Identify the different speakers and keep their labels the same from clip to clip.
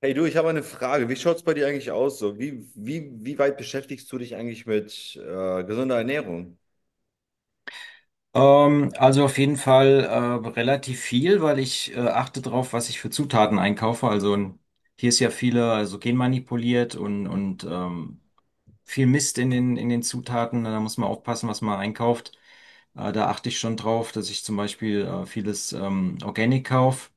Speaker 1: Hey du, ich habe eine Frage. Wie schaut es bei dir eigentlich aus? So, wie weit beschäftigst du dich eigentlich mit gesunder Ernährung?
Speaker 2: Also auf jeden Fall relativ viel, weil ich achte drauf, was ich für Zutaten einkaufe. Hier ist ja viele also genmanipuliert und viel Mist in den Zutaten. Da muss man aufpassen, was man einkauft. Da achte ich schon drauf, dass ich zum Beispiel vieles Organic kaufe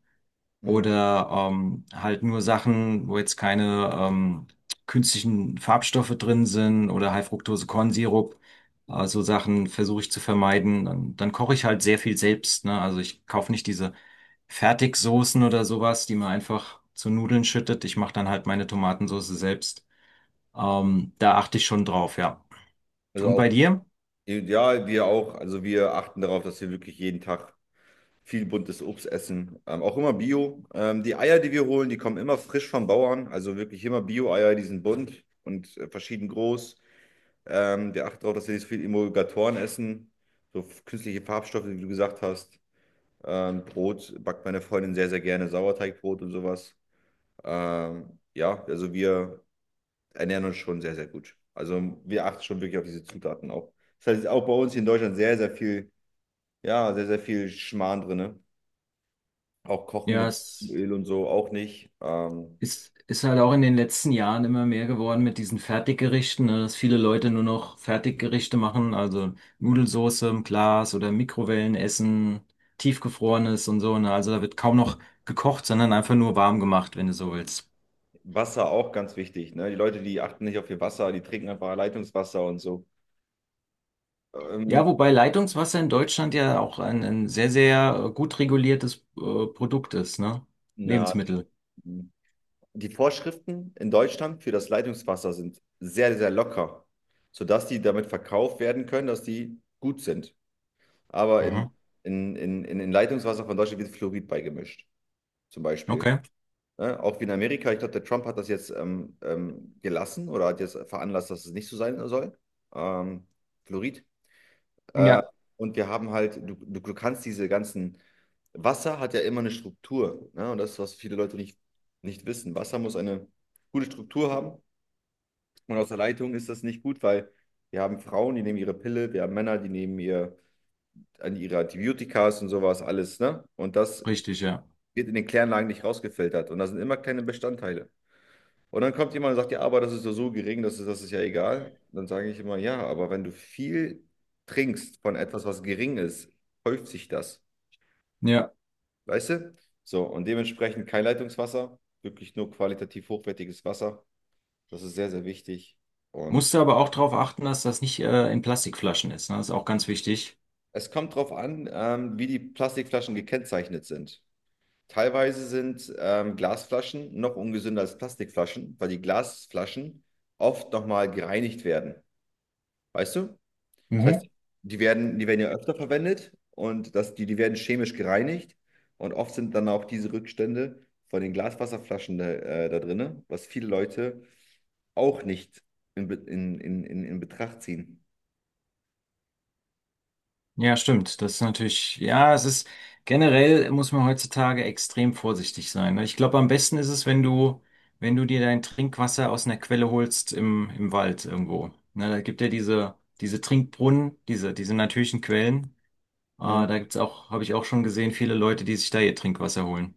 Speaker 1: Mhm.
Speaker 2: oder halt nur Sachen, wo jetzt keine künstlichen Farbstoffe drin sind oder High-Fructose-Kornsirup. So Sachen versuche ich zu vermeiden. Dann koche ich halt sehr viel selbst, ne? Also ich kaufe nicht diese Fertigsoßen oder sowas, die man einfach zu Nudeln schüttet. Ich mache dann halt meine Tomatensauce selbst. Da achte ich schon drauf, ja.
Speaker 1: Also
Speaker 2: Und bei
Speaker 1: auch,
Speaker 2: dir?
Speaker 1: ja, wir auch. Also wir achten darauf, dass wir wirklich jeden Tag viel buntes Obst essen. Auch immer Bio. Die Eier, die wir holen, die kommen immer frisch vom Bauern. Also wirklich immer Bio-Eier, die sind bunt und verschieden groß. Wir achten darauf, dass wir nicht so viel Emulgatoren essen. So künstliche Farbstoffe, wie du gesagt hast. Brot backt meine Freundin sehr, sehr gerne. Sauerteigbrot und sowas. Ja, also wir ernähren uns schon sehr, sehr gut. Also wir achten schon wirklich auf diese Zutaten auch. Das heißt, auch bei uns hier in Deutschland sehr, sehr viel, ja, sehr, sehr viel Schmarrn drinne. Auch Kochen
Speaker 2: Ja.
Speaker 1: mit
Speaker 2: es
Speaker 1: Öl und so auch nicht.
Speaker 2: Ist, ist halt auch in den letzten Jahren immer mehr geworden mit diesen Fertiggerichten, ne, dass viele Leute nur noch Fertiggerichte machen, also Nudelsauce im Glas oder Mikrowellenessen, tiefgefrorenes und so, ne? Also da wird kaum noch gekocht, sondern einfach nur warm gemacht, wenn du so willst.
Speaker 1: Wasser auch ganz wichtig, ne? Die Leute, die achten nicht auf ihr Wasser, die trinken einfach Leitungswasser und so.
Speaker 2: Ja,
Speaker 1: Ähm,
Speaker 2: wobei Leitungswasser in Deutschland ja auch ein sehr, sehr gut reguliertes Produkt ist, ne?
Speaker 1: na,
Speaker 2: Lebensmittel.
Speaker 1: die Vorschriften in Deutschland für das Leitungswasser sind sehr, sehr locker, sodass die damit verkauft werden können, dass die gut sind. aber in,
Speaker 2: Mhm.
Speaker 1: in, in, in, in Leitungswasser von Deutschland wird Fluorid beigemischt, zum Beispiel.
Speaker 2: Okay.
Speaker 1: Ne? Auch wie in Amerika, ich glaube, der Trump hat das jetzt gelassen oder hat jetzt veranlasst, dass es nicht so sein soll, ähm, Fluorid.
Speaker 2: Ja.
Speaker 1: Und wir haben halt, du kannst diese ganzen, Wasser hat ja immer eine Struktur, ne? Und das ist, was viele Leute nicht wissen. Wasser muss eine gute Struktur haben und aus der Leitung ist das nicht gut, weil wir haben Frauen, die nehmen ihre Pille, wir haben Männer, die nehmen ihr an ihre Antibiotikas und sowas alles, ne? Und das
Speaker 2: Richtig, ja.
Speaker 1: wird in den Kläranlagen nicht rausgefiltert. Und da sind immer kleine Bestandteile. Und dann kommt jemand und sagt, ja, aber das ist ja so gering, das ist ja egal. Dann sage ich immer, ja, aber wenn du viel trinkst von etwas, was gering ist, häuft sich das.
Speaker 2: Ja.
Speaker 1: Weißt du? So, und dementsprechend kein Leitungswasser, wirklich nur qualitativ hochwertiges Wasser. Das ist sehr, sehr wichtig.
Speaker 2: Musst
Speaker 1: Und
Speaker 2: du aber auch darauf achten, dass das nicht in Plastikflaschen ist, ne? Das ist auch ganz wichtig.
Speaker 1: es kommt darauf an, wie die Plastikflaschen gekennzeichnet sind. Teilweise sind Glasflaschen noch ungesünder als Plastikflaschen, weil die Glasflaschen oft nochmal gereinigt werden. Weißt du? Das
Speaker 2: Mhm.
Speaker 1: heißt, die werden ja öfter verwendet und das, die werden chemisch gereinigt. Und oft sind dann auch diese Rückstände von den Glaswasserflaschen da, da drin, was viele Leute auch nicht in, Be- in Betracht ziehen.
Speaker 2: Ja, stimmt. Das ist natürlich, ja, es ist generell muss man heutzutage extrem vorsichtig sein, ne? Ich glaube, am besten ist es, wenn du dir dein Trinkwasser aus einer Quelle holst im Wald irgendwo. Ne, da gibt ja diese Trinkbrunnen, diese natürlichen Quellen. Äh,
Speaker 1: Mhm.
Speaker 2: da gibt's auch, habe ich auch schon gesehen, viele Leute, die sich da ihr Trinkwasser holen.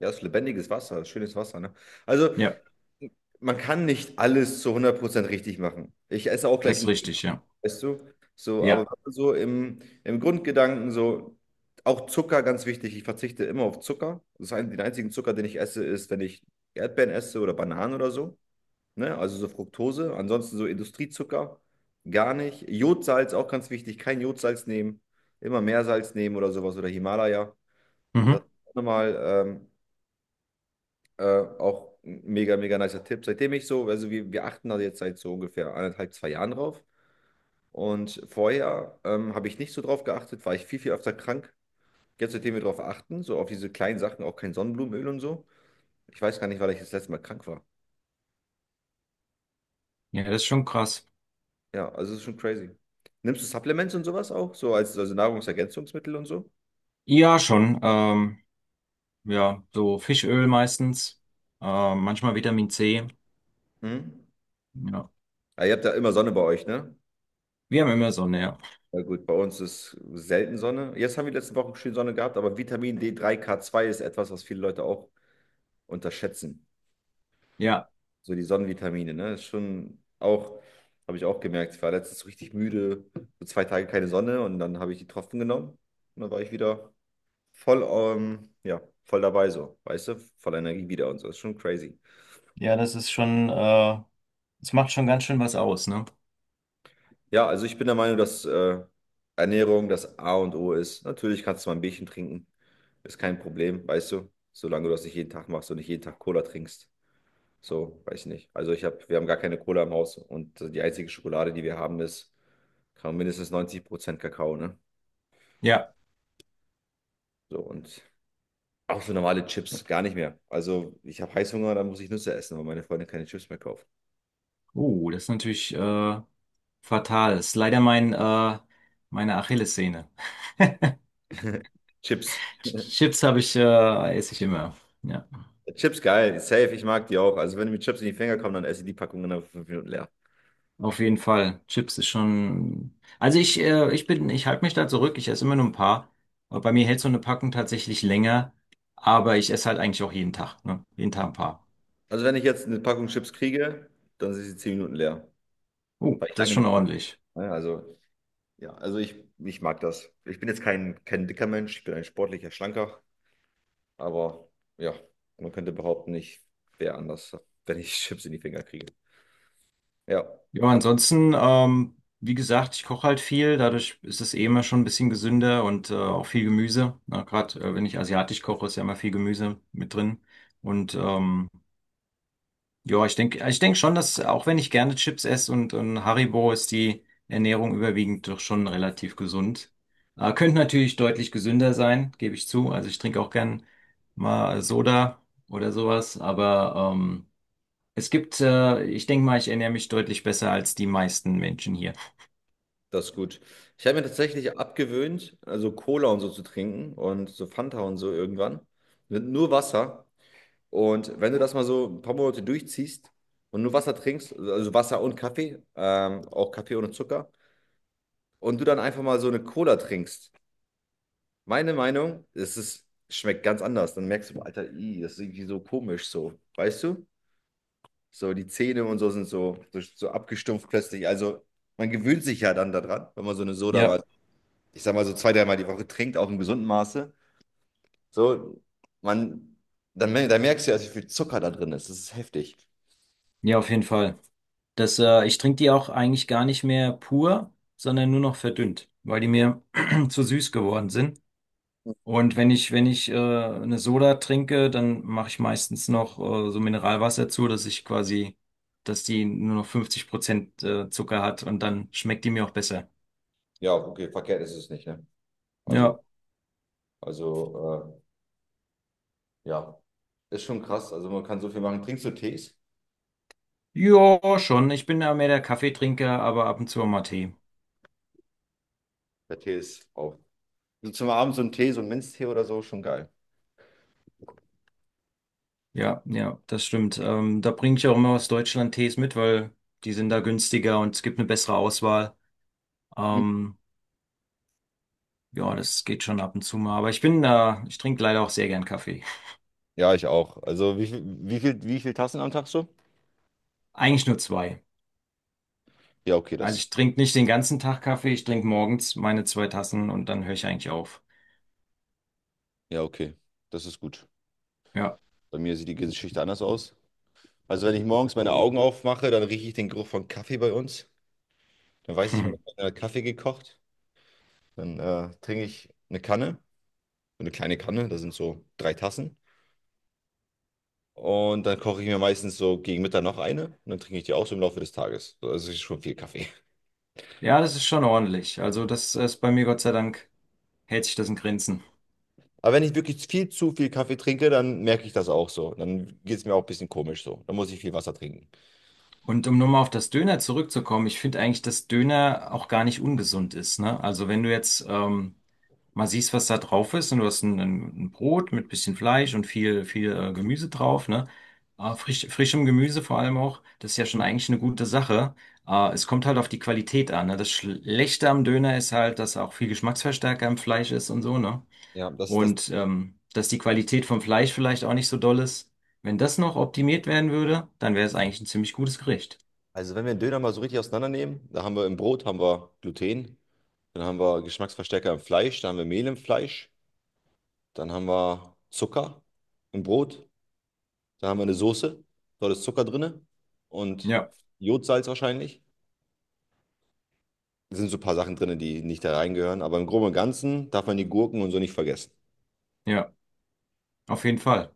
Speaker 1: Ja, das ist lebendiges Wasser, das ist schönes Wasser, ne? Also,
Speaker 2: Ja,
Speaker 1: man kann nicht alles zu 100% richtig machen. Ich esse auch gleich
Speaker 2: das ist
Speaker 1: einen Döner,
Speaker 2: richtig, ja.
Speaker 1: weißt du? So, aber wenn
Speaker 2: Ja.
Speaker 1: man so im Grundgedanken so, auch Zucker, ganz wichtig, ich verzichte immer auf Zucker. Das heißt, den einzigen Zucker, den ich esse, ist, wenn ich Erdbeeren esse oder Bananen oder so. Ne? Also so Fructose. Ansonsten so Industriezucker, gar nicht. Jodsalz, auch ganz wichtig, kein Jodsalz nehmen. Immer Meersalz nehmen oder sowas oder Himalaya. Das
Speaker 2: Mhm.
Speaker 1: ist auch nochmal äh, auch ein mega, mega nicer Tipp. Seitdem ich so, also wir achten da jetzt seit so ungefähr anderthalb zwei Jahren drauf. Und vorher habe ich nicht so drauf geachtet, war ich viel, viel öfter krank. Jetzt, seitdem wir drauf achten, so auf diese kleinen Sachen, auch kein Sonnenblumenöl und so. Ich weiß gar nicht, weil ich das letzte Mal krank war.
Speaker 2: Ja, das ist schon krass.
Speaker 1: Ja, also es ist schon crazy. Nimmst du Supplements und sowas auch? So als also Nahrungsergänzungsmittel und so?
Speaker 2: Ja, schon. Ja, so Fischöl meistens, manchmal Vitamin C.
Speaker 1: Mhm.
Speaker 2: Ja.
Speaker 1: Ja, ihr habt da immer Sonne bei euch, ne?
Speaker 2: Wir haben immer Sonne, ja.
Speaker 1: Ja gut, bei uns ist selten Sonne. Jetzt haben wir die letzten Wochen schön Sonne gehabt, aber Vitamin D3, K2 ist etwas, was viele Leute auch unterschätzen.
Speaker 2: Ja,
Speaker 1: So die Sonnenvitamine, ne? Ist schon auch, habe ich auch gemerkt. Ich war letztens richtig müde, so zwei Tage keine Sonne und dann habe ich die Tropfen genommen und dann war ich wieder voll, ja, voll dabei so, weißt du? Voller Energie wieder und so. Ist schon crazy.
Speaker 2: ja, das ist schon, das macht schon ganz schön was aus, ne?
Speaker 1: Ja, also ich bin der Meinung, dass Ernährung das A und O ist. Natürlich kannst du mal ein Bierchen trinken, ist kein Problem, weißt du? Solange du das nicht jeden Tag machst und nicht jeden Tag Cola trinkst. So, weiß ich nicht. Also ich habe, wir haben gar keine Cola im Haus und die einzige Schokolade, die wir haben, ist Kam mindestens 90% Kakao, ne?
Speaker 2: Ja.
Speaker 1: So, und auch so normale Chips, gar nicht mehr. Also, ich habe Heißhunger, dann muss ich Nüsse essen, weil meine Freundin keine Chips mehr kauft.
Speaker 2: Oh, das ist natürlich fatal. Das ist leider meine Achillessehne.
Speaker 1: Chips.
Speaker 2: Chips esse ich immer. Ja,
Speaker 1: Chips geil, safe, ich mag die auch. Also, wenn mir Chips in die Finger kommen, dann esse ich die Packung innerhalb von 5 Minuten leer.
Speaker 2: auf jeden Fall. Chips ist schon. Also ich halte mich da zurück. Ich esse immer nur ein paar. Aber bei mir hält so eine Packung tatsächlich länger. Aber ich esse halt eigentlich auch jeden Tag, ne? Jeden Tag ein paar.
Speaker 1: Also, wenn ich jetzt eine Packung Chips kriege, dann sind sie 10 Minuten leer,
Speaker 2: Oh,
Speaker 1: weil ich
Speaker 2: das ist
Speaker 1: lange
Speaker 2: schon
Speaker 1: nicht. So,
Speaker 2: ordentlich.
Speaker 1: ne? Also, ja, also ich mag das. Ich bin jetzt kein dicker Mensch, ich bin ein sportlicher Schlanker, aber ja, man könnte behaupten, ich wäre anders, wenn ich Chips in die Finger kriege. Ja,
Speaker 2: Ja,
Speaker 1: aber
Speaker 2: ansonsten, wie gesagt, ich koche halt viel, dadurch ist es eh immer schon ein bisschen gesünder und auch viel Gemüse. Na, gerade wenn ich asiatisch koche, ist ja immer viel Gemüse mit drin. Und ja, ich denke schon, dass auch wenn ich gerne Chips esse und Haribo, ist die Ernährung überwiegend doch schon relativ gesund. Könnte natürlich deutlich gesünder sein, gebe ich zu. Also ich trinke auch gern mal Soda oder sowas, aber ich denke mal, ich ernähre mich deutlich besser als die meisten Menschen hier.
Speaker 1: das ist gut. Ich habe mir tatsächlich abgewöhnt, also Cola und so zu trinken und so Fanta und so irgendwann. Mit nur Wasser. Und wenn du das mal so ein paar Monate durchziehst und nur Wasser trinkst, also Wasser und Kaffee, auch Kaffee ohne Zucker, und du dann einfach mal so eine Cola trinkst, meine Meinung, es ist, schmeckt ganz anders. Dann merkst du, Alter, ih, das ist irgendwie so komisch so. Weißt du? So die Zähne und so sind so, so, so abgestumpft plötzlich. Also man gewöhnt sich ja dann daran, wenn man so eine Soda mal,
Speaker 2: Ja,
Speaker 1: ich sag mal, so zwei, dreimal die Woche trinkt, auch im gesunden Maße, so, man, dann, dann merkst du ja, also, wie viel Zucker da drin ist. Das ist heftig.
Speaker 2: ja, auf jeden Fall. Ich trinke die auch eigentlich gar nicht mehr pur, sondern nur noch verdünnt, weil die mir zu süß geworden sind. Und wenn ich eine Soda trinke, dann mache ich meistens noch so Mineralwasser zu, dass die nur noch 50% Zucker hat und dann schmeckt die mir auch besser.
Speaker 1: Ja, okay, verkehrt ist es nicht, ne? Also,
Speaker 2: Ja,
Speaker 1: also, ja, ist schon krass. Also man kann so viel machen. Trinkst du Tees?
Speaker 2: ja, schon. Ich bin ja mehr der Kaffeetrinker, aber ab und zu auch mal Tee.
Speaker 1: Der Tee ist auch. So zum Abend so ein Tee, so ein Minztee oder so, schon geil.
Speaker 2: Ja, ja, das stimmt. Da bringe ich auch immer aus Deutschland Tees mit, weil die sind da günstiger und es gibt eine bessere Auswahl.
Speaker 1: Mhm.
Speaker 2: Ähm, ja, das geht schon ab und zu mal. Aber ich trinke leider auch sehr gern Kaffee.
Speaker 1: Ja, ich auch. Also wie viel Tassen am Tag so?
Speaker 2: Eigentlich nur zwei.
Speaker 1: Ja, okay,
Speaker 2: Also
Speaker 1: das.
Speaker 2: ich trinke nicht den ganzen Tag Kaffee, ich trinke morgens meine zwei Tassen und dann höre ich eigentlich auf.
Speaker 1: Ja, okay. Das ist gut.
Speaker 2: Ja.
Speaker 1: Bei mir sieht die Geschichte anders aus. Also wenn ich morgens meine Augen aufmache, dann rieche ich den Geruch von Kaffee bei uns. Dann weiß ich, ich habe Kaffee gekocht. Dann trinke ich eine Kanne, so eine kleine Kanne, da sind so drei Tassen. Und dann koche ich mir meistens so gegen Mittag noch eine und dann trinke ich die auch so im Laufe des Tages. So, also es ist schon viel Kaffee.
Speaker 2: Ja, das ist schon ordentlich. Also das ist bei mir Gott sei Dank hält sich das in Grenzen.
Speaker 1: Aber wenn ich wirklich viel zu viel Kaffee trinke, dann merke ich das auch so. Dann geht es mir auch ein bisschen komisch so. Dann muss ich viel Wasser trinken.
Speaker 2: Und um nochmal auf das Döner zurückzukommen, ich finde eigentlich, dass Döner auch gar nicht ungesund ist, ne? Also wenn du jetzt mal siehst, was da drauf ist und du hast ein Brot mit bisschen Fleisch und viel, viel Gemüse drauf, ne? Frischem Gemüse vor allem auch, das ist ja schon eigentlich eine gute Sache. Es kommt halt auf die Qualität an, ne? Das Schlechte am Döner ist halt, dass auch viel Geschmacksverstärker im Fleisch ist und so, ne?
Speaker 1: Ja, das ist das.
Speaker 2: Und dass die Qualität vom Fleisch vielleicht auch nicht so doll ist. Wenn das noch optimiert werden würde, dann wäre es eigentlich ein ziemlich gutes Gericht.
Speaker 1: Also wenn wir einen Döner mal so richtig auseinandernehmen, da haben wir im Brot haben wir Gluten, dann haben wir Geschmacksverstärker im Fleisch, dann haben wir Mehl im Fleisch, dann haben wir Zucker im Brot, da haben wir eine Soße, dort ist Zucker drin und
Speaker 2: Ja,
Speaker 1: Jodsalz wahrscheinlich. Da sind so ein paar Sachen drin, die nicht da reingehören. Aber im Groben und Ganzen darf man die Gurken und so nicht vergessen.
Speaker 2: ja, auf jeden Fall.